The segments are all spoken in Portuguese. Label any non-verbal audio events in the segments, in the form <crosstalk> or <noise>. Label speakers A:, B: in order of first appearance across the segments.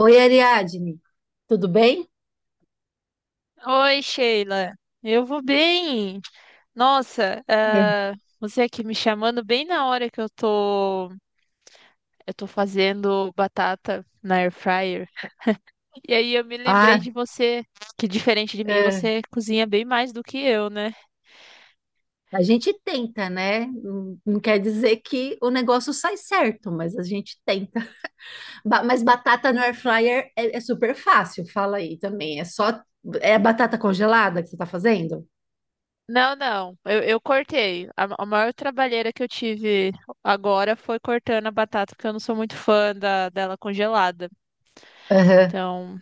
A: Oi, Ariadne, tudo bem?
B: Oi, Sheila. Eu vou bem. Nossa,
A: É.
B: você aqui me chamando bem na hora que eu tô fazendo batata na air fryer. E aí eu me lembrei
A: Ah,
B: de você, que diferente de mim,
A: é.
B: você cozinha bem mais do que eu, né?
A: A gente tenta, né? Não quer dizer que o negócio sai certo, mas a gente tenta. Mas batata no air fryer é super fácil, fala aí também. É só É batata congelada que você está fazendo?
B: Não, não. Eu cortei. A maior trabalheira que eu tive agora foi cortando a batata, porque eu não sou muito fã dela congelada.
A: Aham.
B: Então,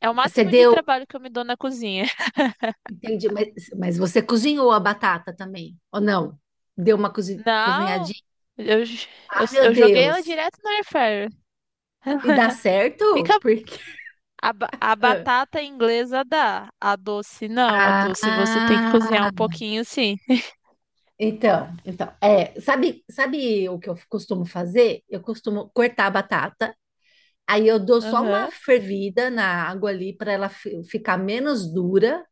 B: é o
A: Você
B: máximo de
A: deu,
B: trabalho que eu me dou na cozinha.
A: entendi, mas você cozinhou a batata também, ou não? Deu uma
B: Não,
A: cozinhadinha?
B: eu, j- eu,
A: Ah, meu
B: eu joguei ela
A: Deus!
B: direto no air fryer.
A: E dá certo?
B: Fica
A: Porque.
B: a batata inglesa dá, a doce não, a doce você tem que cozinhar
A: Ah,
B: um pouquinho sim.
A: então é, sabe o que eu costumo fazer? Eu costumo cortar a batata, aí eu dou só uma
B: Aham.
A: fervida na água ali para ela ficar menos dura,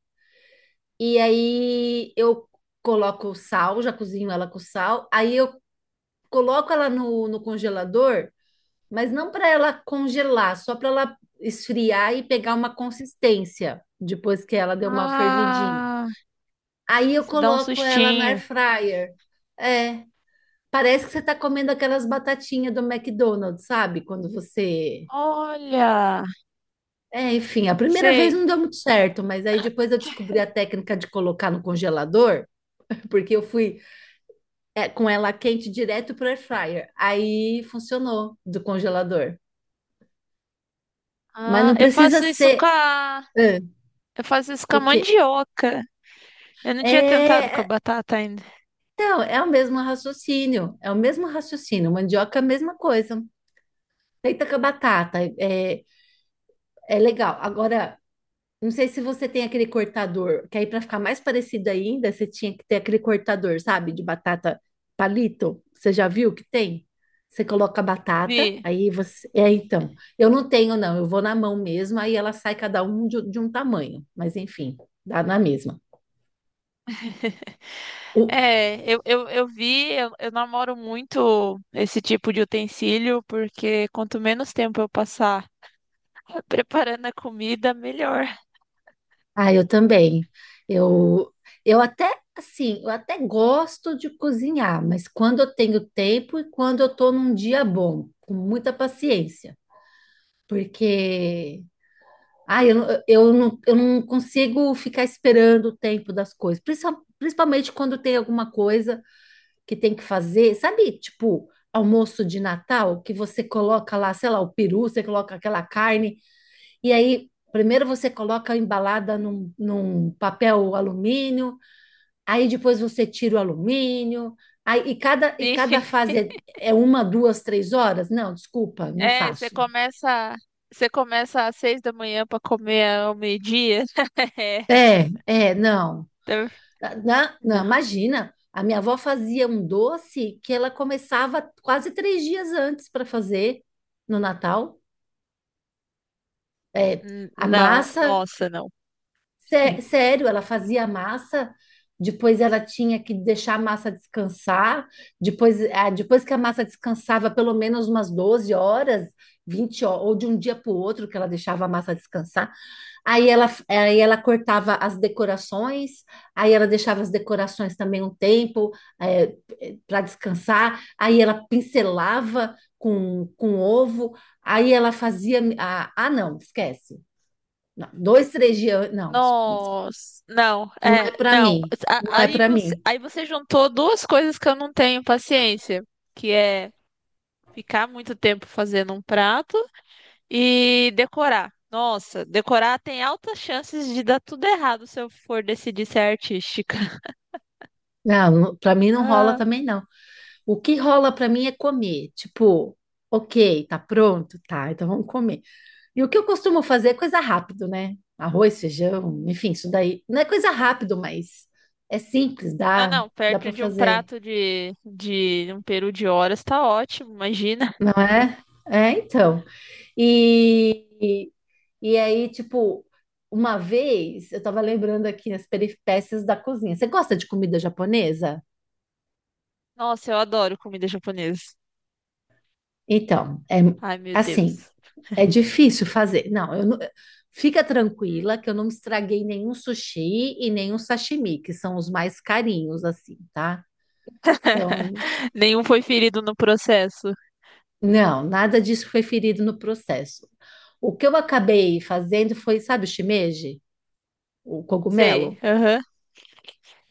A: e aí eu coloco o sal, já cozinho ela com sal, aí eu coloco ela no congelador, mas não para ela congelar, só para ela esfriar e pegar uma consistência depois que ela deu uma fervidinha.
B: Ah,
A: Aí eu
B: se dá um
A: coloco ela na air
B: sustinho.
A: fryer. É. Parece que você está comendo aquelas batatinhas do McDonald's, sabe? Quando você.
B: Olha,
A: É, enfim, a primeira vez
B: sei.
A: não deu muito certo, mas aí depois eu descobri a técnica de colocar no congelador, porque eu fui é, com ela quente direto pro air fryer. Aí funcionou do congelador. Mas
B: Ah,
A: não
B: eu
A: precisa
B: faço isso
A: ser.
B: com a,
A: Ah,
B: eu faço isso com a
A: coque...
B: mandioca. Eu não tinha tentado com a
A: É,
B: batata ainda.
A: então, é o mesmo raciocínio. É o mesmo raciocínio. Mandioca é a mesma coisa. Feita com a batata. É, é legal. Agora. Não sei se você tem aquele cortador, que aí para ficar mais parecido ainda, você tinha que ter aquele cortador, sabe, de batata palito. Você já viu que tem? Você coloca a batata,
B: Vi.
A: aí você. É, então. Eu não tenho, não. Eu vou na mão mesmo, aí ela sai cada um de um tamanho. Mas enfim, dá na mesma.
B: <laughs>
A: O-
B: Eu vi, eu namoro muito esse tipo de utensílio, porque quanto menos tempo eu passar <laughs> preparando a comida, melhor.
A: Ah, eu também. Eu, eu até, assim, eu até gosto de cozinhar, mas quando eu tenho tempo e quando eu tô num dia bom, com muita paciência. Porque ah, eu, eu não consigo ficar esperando o tempo das coisas. Principalmente quando tem alguma coisa que tem que fazer, sabe? Tipo, almoço de Natal, que você coloca lá, sei lá, o peru, você coloca aquela carne, e aí primeiro você coloca embalada num papel alumínio, aí depois você tira o alumínio, aí, e cada, e
B: Sim.
A: cada
B: <laughs>
A: fase é, é uma, duas, três horas? Não, desculpa, não
B: É, você
A: faço.
B: começa, você começa às 6 da manhã para comer ao meio-dia. <laughs> É.
A: É, é, não.
B: Então,
A: Não, não,
B: não,
A: imagina. A minha avó fazia um doce que ela começava quase 3 dias antes para fazer no Natal. É, a
B: não,
A: massa,
B: nossa, não.
A: sério, ela fazia a massa, depois ela tinha que deixar a massa descansar, depois, ah, depois que a massa descansava pelo menos umas 12 horas, 20 horas, ou de um dia para o outro que ela deixava a massa descansar. Aí ela cortava as decorações, aí ela deixava as decorações também um tempo para descansar, aí ela pincelava com ovo, aí ela fazia. Ah, ah, não, esquece. Não, dois, três dias. Não,
B: Nossa, não,
A: não é
B: é,
A: para
B: não.
A: mim. Não é para mim.
B: Aí você juntou duas coisas que eu não tenho paciência, que é ficar muito tempo fazendo um prato e decorar. Nossa, decorar tem altas chances de dar tudo errado se eu for decidir ser artística. <laughs>
A: Não, para mim não rola
B: Ah,
A: também não. O que rola para mim é comer. Tipo, ok, tá pronto? Tá, então vamos comer. E o que eu costumo fazer é coisa rápido, né? Arroz, feijão, enfim, isso daí. Não é coisa rápido, mas é simples, dá,
B: não,
A: dá para
B: perto de um
A: fazer,
B: prato de um peru de horas tá ótimo, imagina.
A: não é? É, então. E, e, e aí, tipo, uma vez eu tava lembrando aqui as peripécias da cozinha. Você gosta de comida japonesa?
B: Nossa, eu adoro comida japonesa.
A: Então, é
B: Ai, meu
A: assim,
B: Deus.
A: é difícil fazer. Não, eu fica
B: Hum.
A: tranquila que eu não estraguei nenhum sushi e nenhum sashimi, que são os mais carinhos, assim, tá? Então,
B: Nenhum foi ferido no processo.
A: não, nada disso foi ferido no processo. O que eu acabei fazendo foi, sabe, o shimeji, o
B: Sei,
A: cogumelo?
B: aham.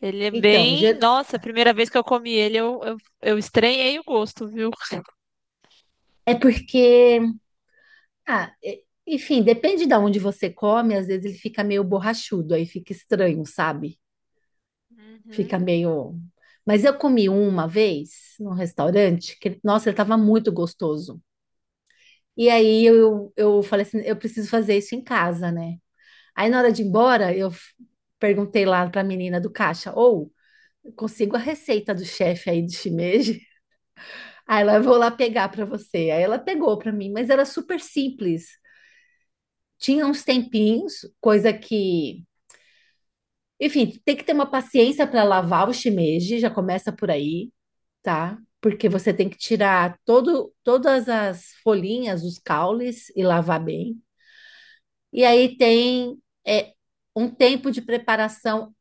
B: Ele é
A: Então,
B: bem. Nossa, a primeira vez que eu comi ele, eu estranhei o gosto, viu?
A: é porque, ah, enfim, depende de onde você come, às vezes ele fica meio borrachudo, aí fica estranho, sabe?
B: Uhum.
A: Fica meio. Mas eu comi uma vez num restaurante que, ele- nossa, ele estava muito gostoso. E aí eu falei assim, eu preciso fazer isso em casa, né? Aí na hora de ir embora, perguntei lá para a menina do caixa, ou eu consigo a receita do chefe aí do shimeji. <laughs> Aí ela, eu vou lá pegar para você. Aí ela pegou para mim, mas era super simples. Tinha uns tempinhos, coisa que, enfim, tem que ter uma paciência para lavar o shimeji, já começa por aí, tá? Porque você tem que tirar todo, todas as folhinhas, os caules e lavar bem. E aí tem é, um tempo de preparação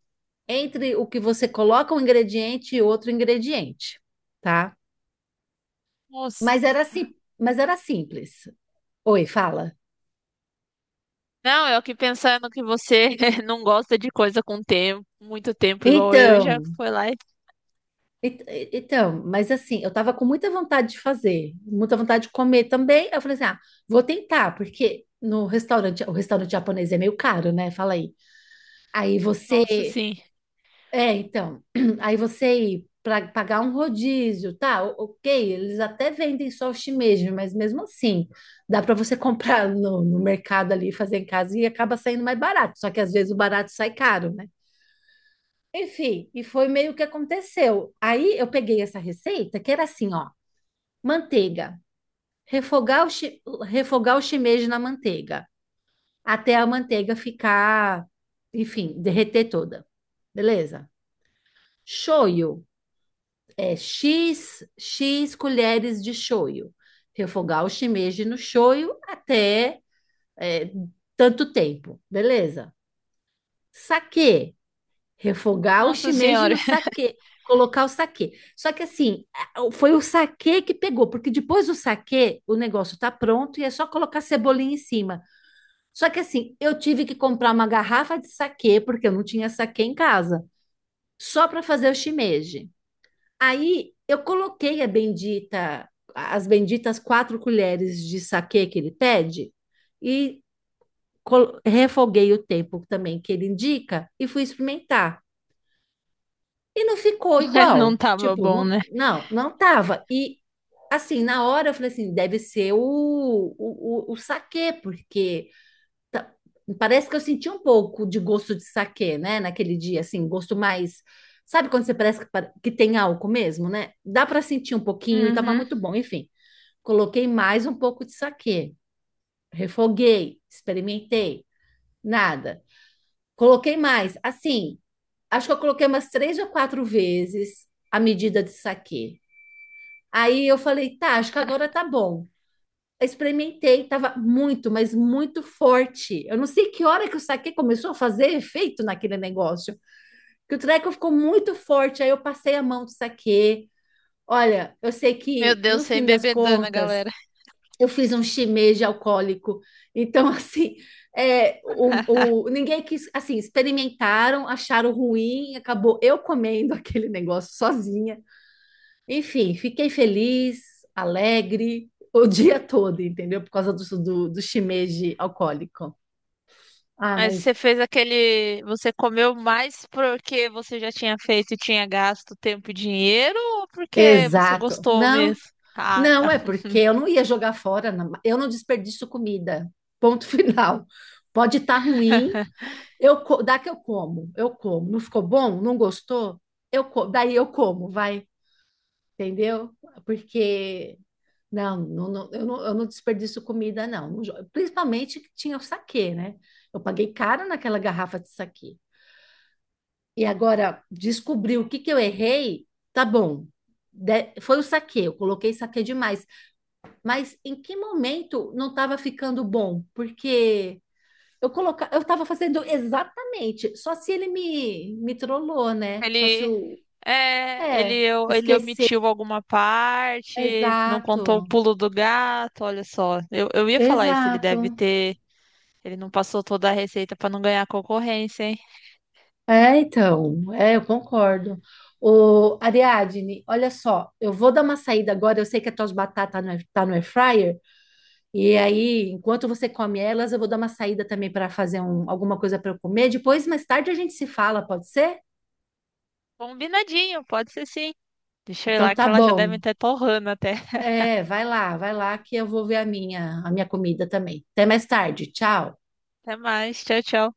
A: entre o que você coloca um ingrediente e outro ingrediente, tá?
B: Nossa.
A: Mas era assim, mas era simples. Oi, fala.
B: Não, eu aqui pensando que você <laughs> não gosta de coisa com tempo, muito tempo igual eu, e já
A: Então,
B: foi lá e.
A: então, mas assim, eu tava com muita vontade de fazer, muita vontade de comer também. Aí eu falei assim, ah, vou tentar, porque no restaurante, o restaurante japonês é meio caro, né? Fala aí. Aí você,
B: Nossa, sim.
A: é, então, <clears throat> aí você ir para pagar um rodízio, tá? Ok, eles até vendem só o shimeji, mas mesmo assim, dá para você <laughs> comprar no mercado ali, fazer em casa e acaba saindo mais barato. Só que às vezes o barato sai caro, né? Enfim, e foi meio que aconteceu. Aí eu peguei essa receita, que era assim, ó, manteiga. Refogar o, chi- refogar o shimeji na manteiga, até a manteiga ficar, enfim, derreter toda. Beleza? Shoyu, é X colheres de shoyu. Refogar o shimeji no shoyu até é, tanto tempo. Beleza? Saquê, refogar o
B: Nossa
A: shimeji
B: senhora.
A: no saquê, colocar o saquê. Só que assim, foi o saquê que pegou, porque depois do saquê, o negócio tá pronto e é só colocar cebolinha em cima. Só que assim, eu tive que comprar uma garrafa de saquê, porque eu não tinha saquê em casa, só para fazer o shimeji. Aí eu coloquei a bendita, as benditas 4 colheres de saquê que ele pede e refoguei o tempo também que ele indica e fui experimentar. E não ficou
B: <laughs> Não
A: igual.
B: tava
A: Tipo,
B: bom,
A: não,
B: né?
A: não, não tava. E assim, na hora eu falei assim, deve ser o saquê, porque tá- parece que eu senti um pouco de gosto de saquê, né? Naquele dia, assim, gosto mais. Sabe quando você parece que, que tem álcool mesmo, né? Dá para sentir um pouquinho e tava
B: Uhum.
A: muito bom. Enfim, coloquei mais um pouco de saquê, refoguei, experimentei, nada. Coloquei mais. Assim, acho que eu coloquei umas 3 ou 4 vezes a medida de saquê. Aí eu falei, tá, acho que agora tá bom. Experimentei, tava muito, mas muito forte. Eu não sei que hora que o saquê começou a fazer efeito naquele negócio, que o treco ficou muito forte. Aí eu passei a mão do saquê. Olha, eu sei
B: Meu
A: que no
B: Deus, sem
A: fim das
B: bebedana,
A: contas
B: galera.
A: eu fiz um shimeji alcoólico. Então, <laughs> assim, é,
B: <laughs>
A: ninguém quis, assim, experimentaram, acharam ruim, acabou eu comendo <laughs> aquele negócio sozinha. Enfim, fiquei feliz, alegre, o dia todo, entendeu? Por causa do shimeji alcoólico. Ah,
B: Mas
A: mas
B: você fez aquele. Você comeu mais porque você já tinha feito e tinha gasto tempo e dinheiro ou porque você
A: exato.
B: gostou
A: Não,
B: mesmo? Ah,
A: não, é porque eu não ia jogar fora, não. Eu não desperdiço comida. Ponto <laughs> final. Pode estar ruim, eu, dá que eu como, eu como. Não ficou bom? Não gostou? Eu, daí eu como, vai, entendeu? Porque não, não, não, eu não, desperdiço comida, não. Principalmente que tinha o saquê, né? Eu paguei caro naquela garrafa de saquê. E agora, descobri o que que eu errei, tá bom. Foi o saquê, eu coloquei saquê demais. Mas em que momento não estava ficando bom? Porque eu tava fazendo exatamente, só se ele me trollou, né? Só se
B: ele,
A: o.
B: é, ele,
A: É,
B: ele
A: esquecer.
B: omitiu alguma parte, não contou o
A: Exato,
B: pulo do gato, olha só. Eu ia falar isso, ele deve
A: exato.
B: ter, ele não passou toda a receita pra não ganhar concorrência, hein?
A: É, então, é, eu concordo. O Ariadne, olha só, eu vou dar uma saída agora. Eu sei que as tuas batatas não tá no air fryer, e aí, enquanto você come elas, eu vou dar uma saída também para fazer alguma coisa para eu comer. Depois, mais tarde, a gente se fala, pode ser?
B: Combinadinho, pode ser sim. Deixa eu ir
A: Então,
B: lá
A: tá
B: que elas já
A: bom.
B: devem estar torrando até.
A: É, vai lá que eu vou ver a minha comida também. Até mais tarde. Tchau.
B: Até mais, tchau, tchau.